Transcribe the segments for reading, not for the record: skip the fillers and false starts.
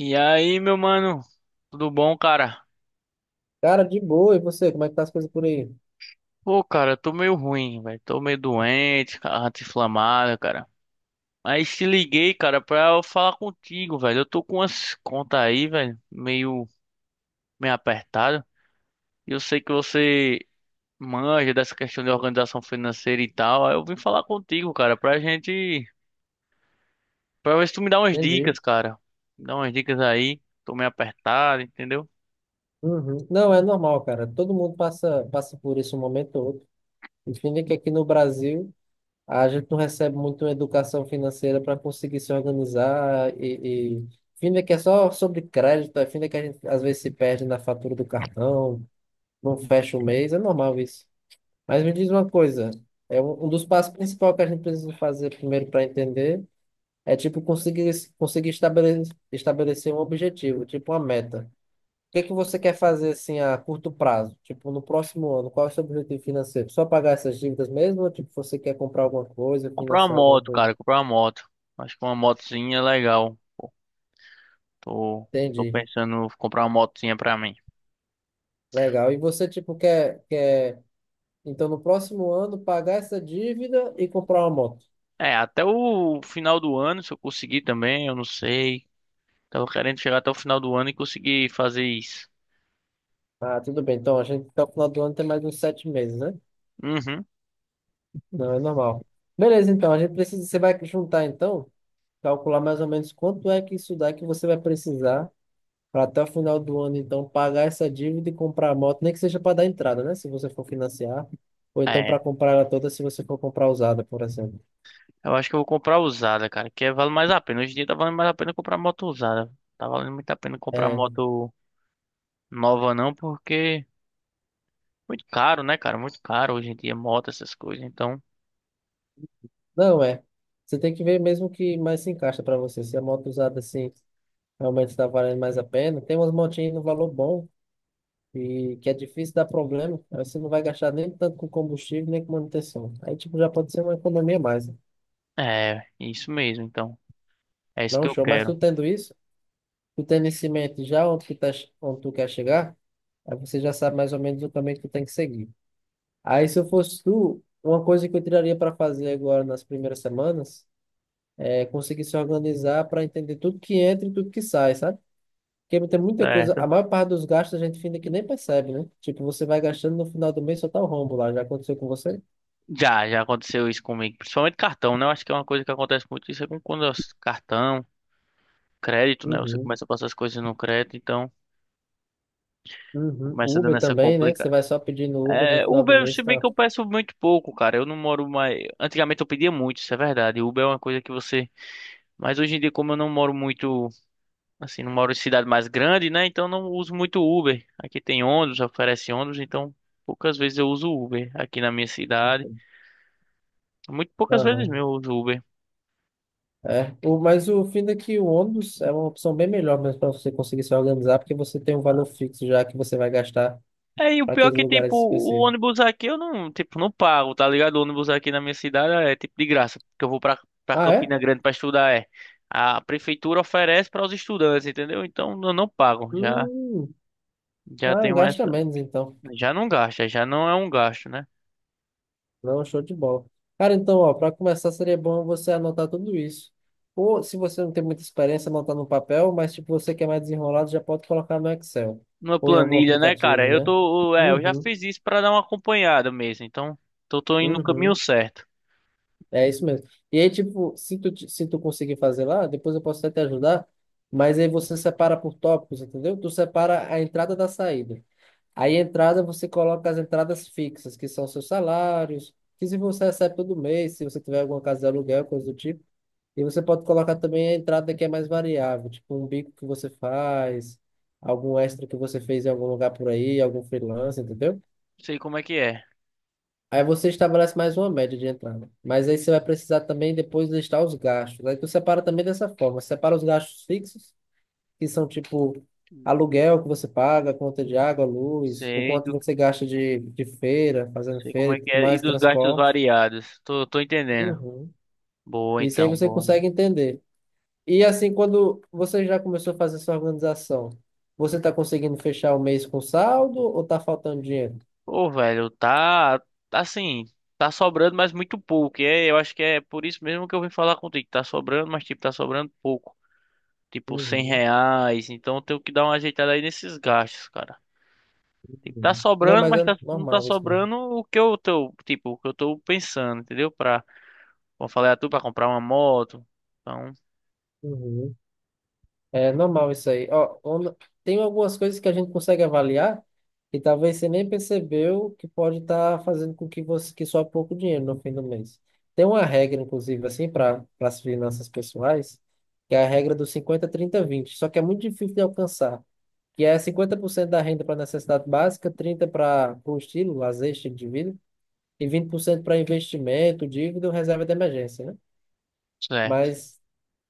E aí, meu mano, tudo bom, cara? Cara, de boa. E você, como é que tá as coisas por aí? Pô, cara, eu tô meio ruim, velho. Tô meio doente, cara, inflamado, cara. Mas te liguei, cara, pra eu falar contigo, velho. Eu tô com umas contas aí, velho, meio, meio apertado. E eu sei que você manja dessa questão de organização financeira e tal. Aí eu vim falar contigo, cara, pra gente. Pra ver se tu me dá umas Entendi. dicas, cara. Me dá umas dicas aí. Tô meio apertado, entendeu? Uhum. Não, é normal, cara. Todo mundo passa por isso um momento ou outro. Enfim, é que aqui no Brasil a gente não recebe muito educação financeira para conseguir se organizar e... Enfim, é que é só sobre crédito, é fim é que a gente às vezes se perde na fatura do cartão, não fecha o mês, é normal isso. Mas me diz uma coisa, é um dos passos principais que a gente precisa fazer primeiro para entender. É tipo conseguir estabelecer um objetivo, tipo uma meta. O que é que você quer fazer assim a curto prazo? Tipo, no próximo ano, qual é o seu objetivo financeiro? Só pagar essas dívidas mesmo ou tipo você quer comprar alguma coisa, Comprar uma financiar alguma moto, coisa? cara, comprar uma moto. Acho que uma motozinha é legal. Tô, tô Entendi. pensando em comprar uma motinha pra mim. Legal. E você tipo quer então no próximo ano pagar essa dívida e comprar uma moto? É, até o final do ano, se eu conseguir também, eu não sei. Tava querendo chegar até o final do ano e conseguir fazer isso. Ah, tudo bem. Então a gente até o final do ano tem mais uns 7 meses, né? Uhum. Não, é normal. Beleza, então a gente precisa, você vai juntar então calcular mais ou menos quanto é que isso dá que você vai precisar para até o final do ano, então, pagar essa dívida e comprar a moto, nem que seja para dar entrada, né? Se você for financiar, ou então para É, comprar ela toda, se você for comprar usada, por exemplo. eu acho que eu vou comprar usada, cara, que vale mais a pena. Hoje em dia tá valendo mais a pena comprar moto usada. Tá valendo muito a pena comprar É, moto nova não, porque muito caro, né, cara? Muito caro hoje em dia moto, essas coisas. Então, não é. Você tem que ver mesmo o que mais se encaixa para você. Se a moto usada assim realmente está valendo mais a pena, tem umas motinhas no valor bom. E que é difícil dar problema, aí você não vai gastar nem tanto com combustível, nem com manutenção. Aí, tipo, já pode ser uma economia a mais, né? é, isso mesmo, então. É isso Não, que eu show. Mas tu quero, tendo isso, tu tem nesse mente já onde tu, tá, onde tu quer chegar, aí você já sabe mais ou menos o caminho que tu tem que seguir. Aí, se eu fosse tu, uma coisa que eu tiraria para fazer agora nas primeiras semanas é conseguir se organizar para entender tudo que entra e tudo que sai, sabe? Porque tem muita coisa, a certo? maior parte dos gastos a gente finda que nem percebe, né? Tipo, você vai gastando no final do mês só tá o rombo lá. Já aconteceu com você? Já, já aconteceu isso comigo, principalmente cartão, né? Eu acho que é uma coisa que acontece muito isso é quando é cartão, crédito, né? Você Uhum. começa a passar as coisas no crédito, então Uhum. começa dando Uber essa também, né? Você complicada. vai só pedindo Uber no É, final do Uber, mês, se bem tá. que eu peço muito pouco, cara. Eu não moro mais. Antigamente eu pedia muito, isso é verdade. Uber é uma coisa que você. Mas hoje em dia, como eu não moro muito, assim, não moro em cidade mais grande, né? Então eu não uso muito Uber. Aqui tem ônibus, oferece ônibus, então poucas vezes eu uso Uber aqui na minha cidade. Muito poucas vezes mesmo Aham. eu uso Uber. É, o, mas o fim é que o ônibus é uma opção bem melhor mesmo para você conseguir se organizar, porque você tem um valor fixo já que você vai gastar É, e o para pior é aqueles que, tipo, lugares o específicos. ônibus aqui eu não, tipo, não pago, tá ligado? O ônibus aqui na minha cidade é, tipo, de graça, porque eu vou pra, pra Ah, é? Campina Grande pra estudar, é. A prefeitura oferece para os estudantes, entendeu? Então eu não pago, já, Hum, já ah, tenho gasta essa, menos então. já não gasta, já não é um gasto, né? Não, show de bola. Cara, então, ó, para começar seria bom você anotar tudo isso. Ou se você não tem muita experiência, anotar no papel, mas tipo, você que é mais desenrolado, já pode colocar no Excel Numa ou em algum planilha, né, cara? aplicativo, Eu né? tô, é, eu já Uhum. fiz isso pra dar uma acompanhada mesmo, então tô, tô indo no caminho Uhum. certo. É isso mesmo. E aí, tipo, se tu, se tu conseguir fazer lá, depois eu posso até te ajudar, mas aí você separa por tópicos, entendeu? Tu separa a entrada da saída. Aí, a entrada, você coloca as entradas fixas, que são seus salários, que se você recebe todo mês, se você tiver alguma casa de aluguel, coisa do tipo. E você pode colocar também a entrada que é mais variável, tipo um bico que você faz, algum extra que você fez em algum lugar por aí, algum freelance, entendeu? Sei como é que é. Aí você estabelece mais uma média de entrada. Mas aí você vai precisar também depois listar os gastos. Aí tu separa também dessa forma, separa os gastos fixos, que são tipo aluguel que você paga, conta de água, luz, o Sei quanto do, você gasta de feira, fazendo sei como feira é e que tudo é e mais, dos gastos transporte. variados. Tô, tô entendendo. Uhum. Boa, Isso aí então, você boa. consegue entender. E assim, quando você já começou a fazer sua organização, você está conseguindo fechar o mês com saldo ou está faltando dinheiro? Pô, velho, tá tá assim, tá sobrando, mas muito pouco. E é, eu acho que é por isso mesmo que eu vim falar contigo. Tá sobrando, mas tipo, tá sobrando pouco. Tipo, 100 Uhum. reais. Então eu tenho que dar uma ajeitada aí nesses gastos, cara. Tipo, tá Uhum. Não, sobrando, mas mas é tá, não tá normal isso mesmo. sobrando o que eu tô, tipo, o que eu tô pensando, entendeu? Pra, como eu falei a tu, pra comprar uma moto. Então, Uhum. É normal isso aí. Ó, tem algumas coisas que a gente consegue avaliar e talvez você nem percebeu que pode estar fazendo com que você que só pouco dinheiro no fim do mês. Tem uma regra, inclusive, assim, para as finanças pessoais, que é a regra do 50, 30, 20. Só que é muito difícil de alcançar. Que é 50% da renda para necessidade básica, 30% para o estilo, lazer, estilo de vida, e 20% para investimento, dívida ou reserva de emergência, né? certo. Mas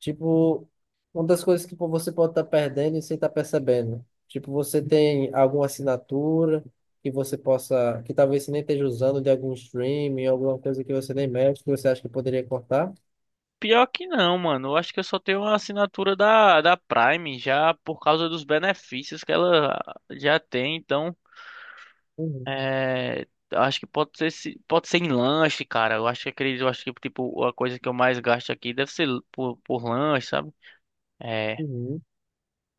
tipo, uma das coisas que pô, você pode estar perdendo e sem estar percebendo. Tipo, você tem alguma assinatura que você possa, que talvez você nem esteja usando de algum streaming, alguma coisa que você nem mexe, que você acha que poderia cortar? Pior que não, mano. Eu acho que eu só tenho uma assinatura da Prime já por causa dos benefícios que ela já tem, então. Uhum. É, acho que pode ser, pode ser em lanche, cara. Eu acho que acredito, eu acho que tipo a coisa que eu mais gasto aqui deve ser por lanche, sabe? É, Uhum.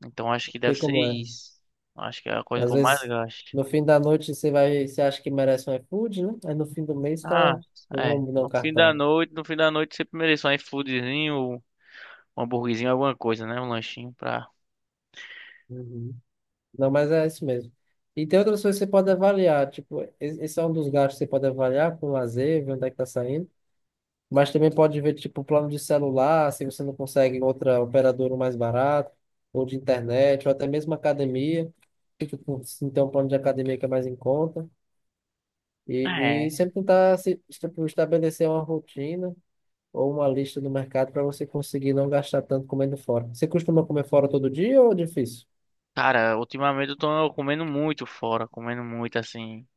então acho que Sei deve ser como é. isso. Acho que é a coisa que Às eu mais vezes, gasto. no fim da noite, você vai, você acha que merece um iFood, né? Aí no fim do mês tá Ah, um é. rombo no No fim da cartão. noite, no fim da noite sempre mereço um iFoodzinho, um hambúrguerzinho, alguma coisa, né? Um lanchinho pra. Uhum. Não, mas é isso mesmo. E tem outras coisas que você pode avaliar, tipo, esse é um dos gastos que você pode avaliar com lazer, ver onde é que tá saindo. Mas também pode ver, tipo, plano de celular, se você não consegue outra operadora mais barato, ou de internet, ou até mesmo academia. Tipo, se tem um plano de academia que é mais em conta. E É. sempre tentar se, tipo, estabelecer uma rotina ou uma lista do mercado para você conseguir não gastar tanto comendo fora. Você costuma comer fora todo dia ou é difícil? Cara, ultimamente eu tô comendo muito fora, comendo muito assim,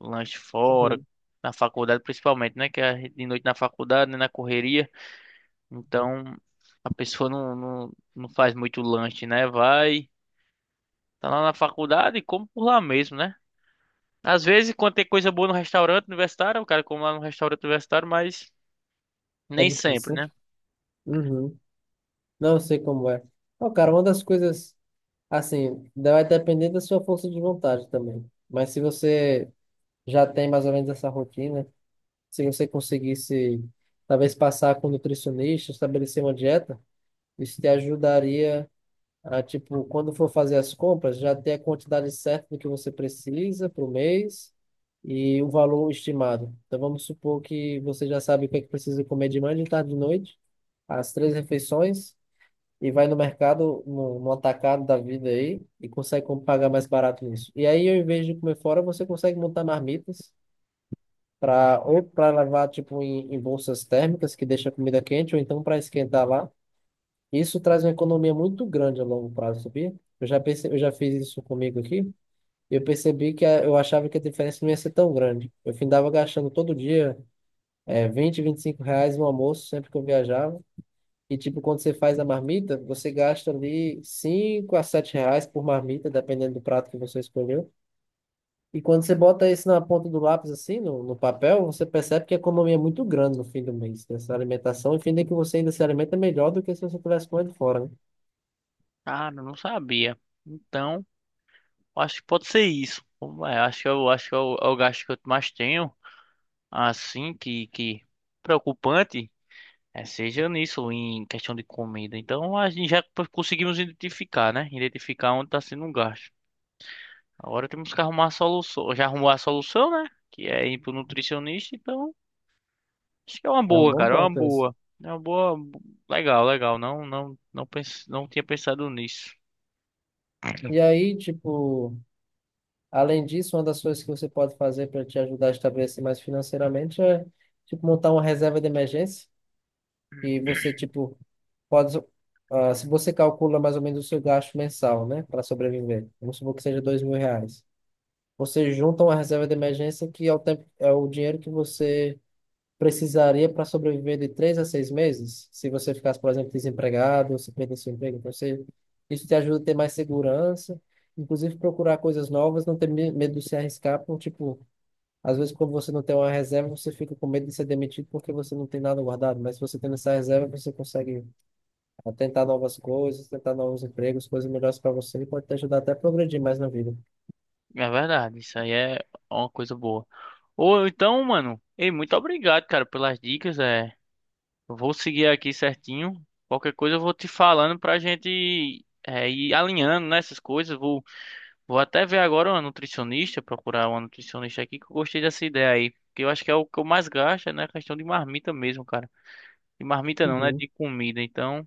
lanche fora, Uhum. na faculdade principalmente, né? Que é de noite na faculdade, né? Na correria. Uhum. Então a pessoa não faz muito lanche, né? Vai, tá lá na faculdade e come por lá mesmo, né? Às vezes, quando tem coisa boa no restaurante universitário, o cara come lá no restaurante universitário, mas É nem sempre, difícil, né? né? Uhum. Não sei como é. Ó, cara, uma das coisas, assim, vai depender da sua força de vontade também. Mas se você já tem mais ou menos essa rotina, se você conseguisse talvez passar com um nutricionista, estabelecer uma dieta, isso te ajudaria. Ah, tipo, quando for fazer as compras, já ter a quantidade certa do que você precisa para o mês e o valor estimado. Então, vamos supor que você já sabe o que é que precisa comer de manhã, de tarde de noite, as três refeições, e vai no mercado, no atacado da vida aí, e consegue pagar mais barato nisso. E aí, ao invés de comer fora, você consegue montar marmitas para ou para levar, tipo, em bolsas térmicas, que deixa a comida quente, ou então para esquentar lá. Isso traz uma economia muito grande a longo prazo, sabia? Eu já eu já fiz isso comigo aqui. Eu percebi eu achava que a diferença não ia ser tão grande. Eu findava gastando todo dia 20, R$ 25 no almoço, sempre que eu viajava. E, tipo, quando você faz a marmita, você gasta ali R$ 5 a R$ 7 por marmita, dependendo do prato que você escolheu. E quando você bota isso na ponta do lápis, assim, no papel, você percebe que a economia é muito grande no fim do mês, dessa alimentação. E fim de que você ainda se alimenta melhor do que se você tivesse comendo fora, né? Cara, eu não sabia. Então, acho que pode ser isso. Vamos lá. Acho que eu acho que é o é o gasto que eu mais tenho, assim, que preocupante, é, seja nisso, em questão de comida. Então, a gente já conseguimos identificar, né? Identificar onde está sendo um gasto. Agora temos que arrumar a solução. Já arrumou a solução, né? Que é ir pro nutricionista, então acho que é uma É um boa, bom cara, é uma ponto esse. boa. É uma boa, legal, legal. Não, não tinha pensado nisso. E aí, tipo, além disso, uma das coisas que você pode fazer para te ajudar a estabelecer mais financeiramente é, tipo, montar uma reserva de emergência e você, tipo, pode, se você calcula mais ou menos o seu gasto mensal, né, para sobreviver, vamos supor que seja R$ 2.000, você junta uma reserva de emergência que é o tempo, é o dinheiro que você precisaria para sobreviver de 3 a 6 meses, se você ficasse, por exemplo, desempregado, se perdesse seu emprego, então você, isso te ajuda a ter mais segurança, inclusive procurar coisas novas, não ter medo de se arriscar, por tipo, às vezes quando você não tem uma reserva, você fica com medo de ser demitido porque você não tem nada guardado, mas se você tem essa reserva, você consegue tentar novas coisas, tentar novos empregos, coisas melhores para você e pode te ajudar até a progredir mais na vida. É verdade, isso aí é uma coisa boa. Ou então, mano, ei, muito obrigado, cara, pelas dicas. É, eu vou seguir aqui certinho. Qualquer coisa eu vou te falando pra gente é, ir alinhando, né, essas coisas. Vou Vou até ver agora uma nutricionista, procurar uma nutricionista aqui, que eu gostei dessa ideia aí. Porque eu acho que é o que eu mais gasto, né? A questão de marmita mesmo, cara. De marmita não, né? Uhum. De comida. Então,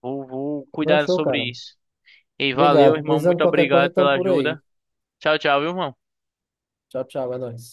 vou, vou Não, cuidar show, cara. sobre isso. E aí, valeu, Obrigado. irmão. Precisando de Muito qualquer coisa, obrigado estamos pela por aí. ajuda. Tchau, tchau, viu, irmão? Tchau, tchau, é nóis.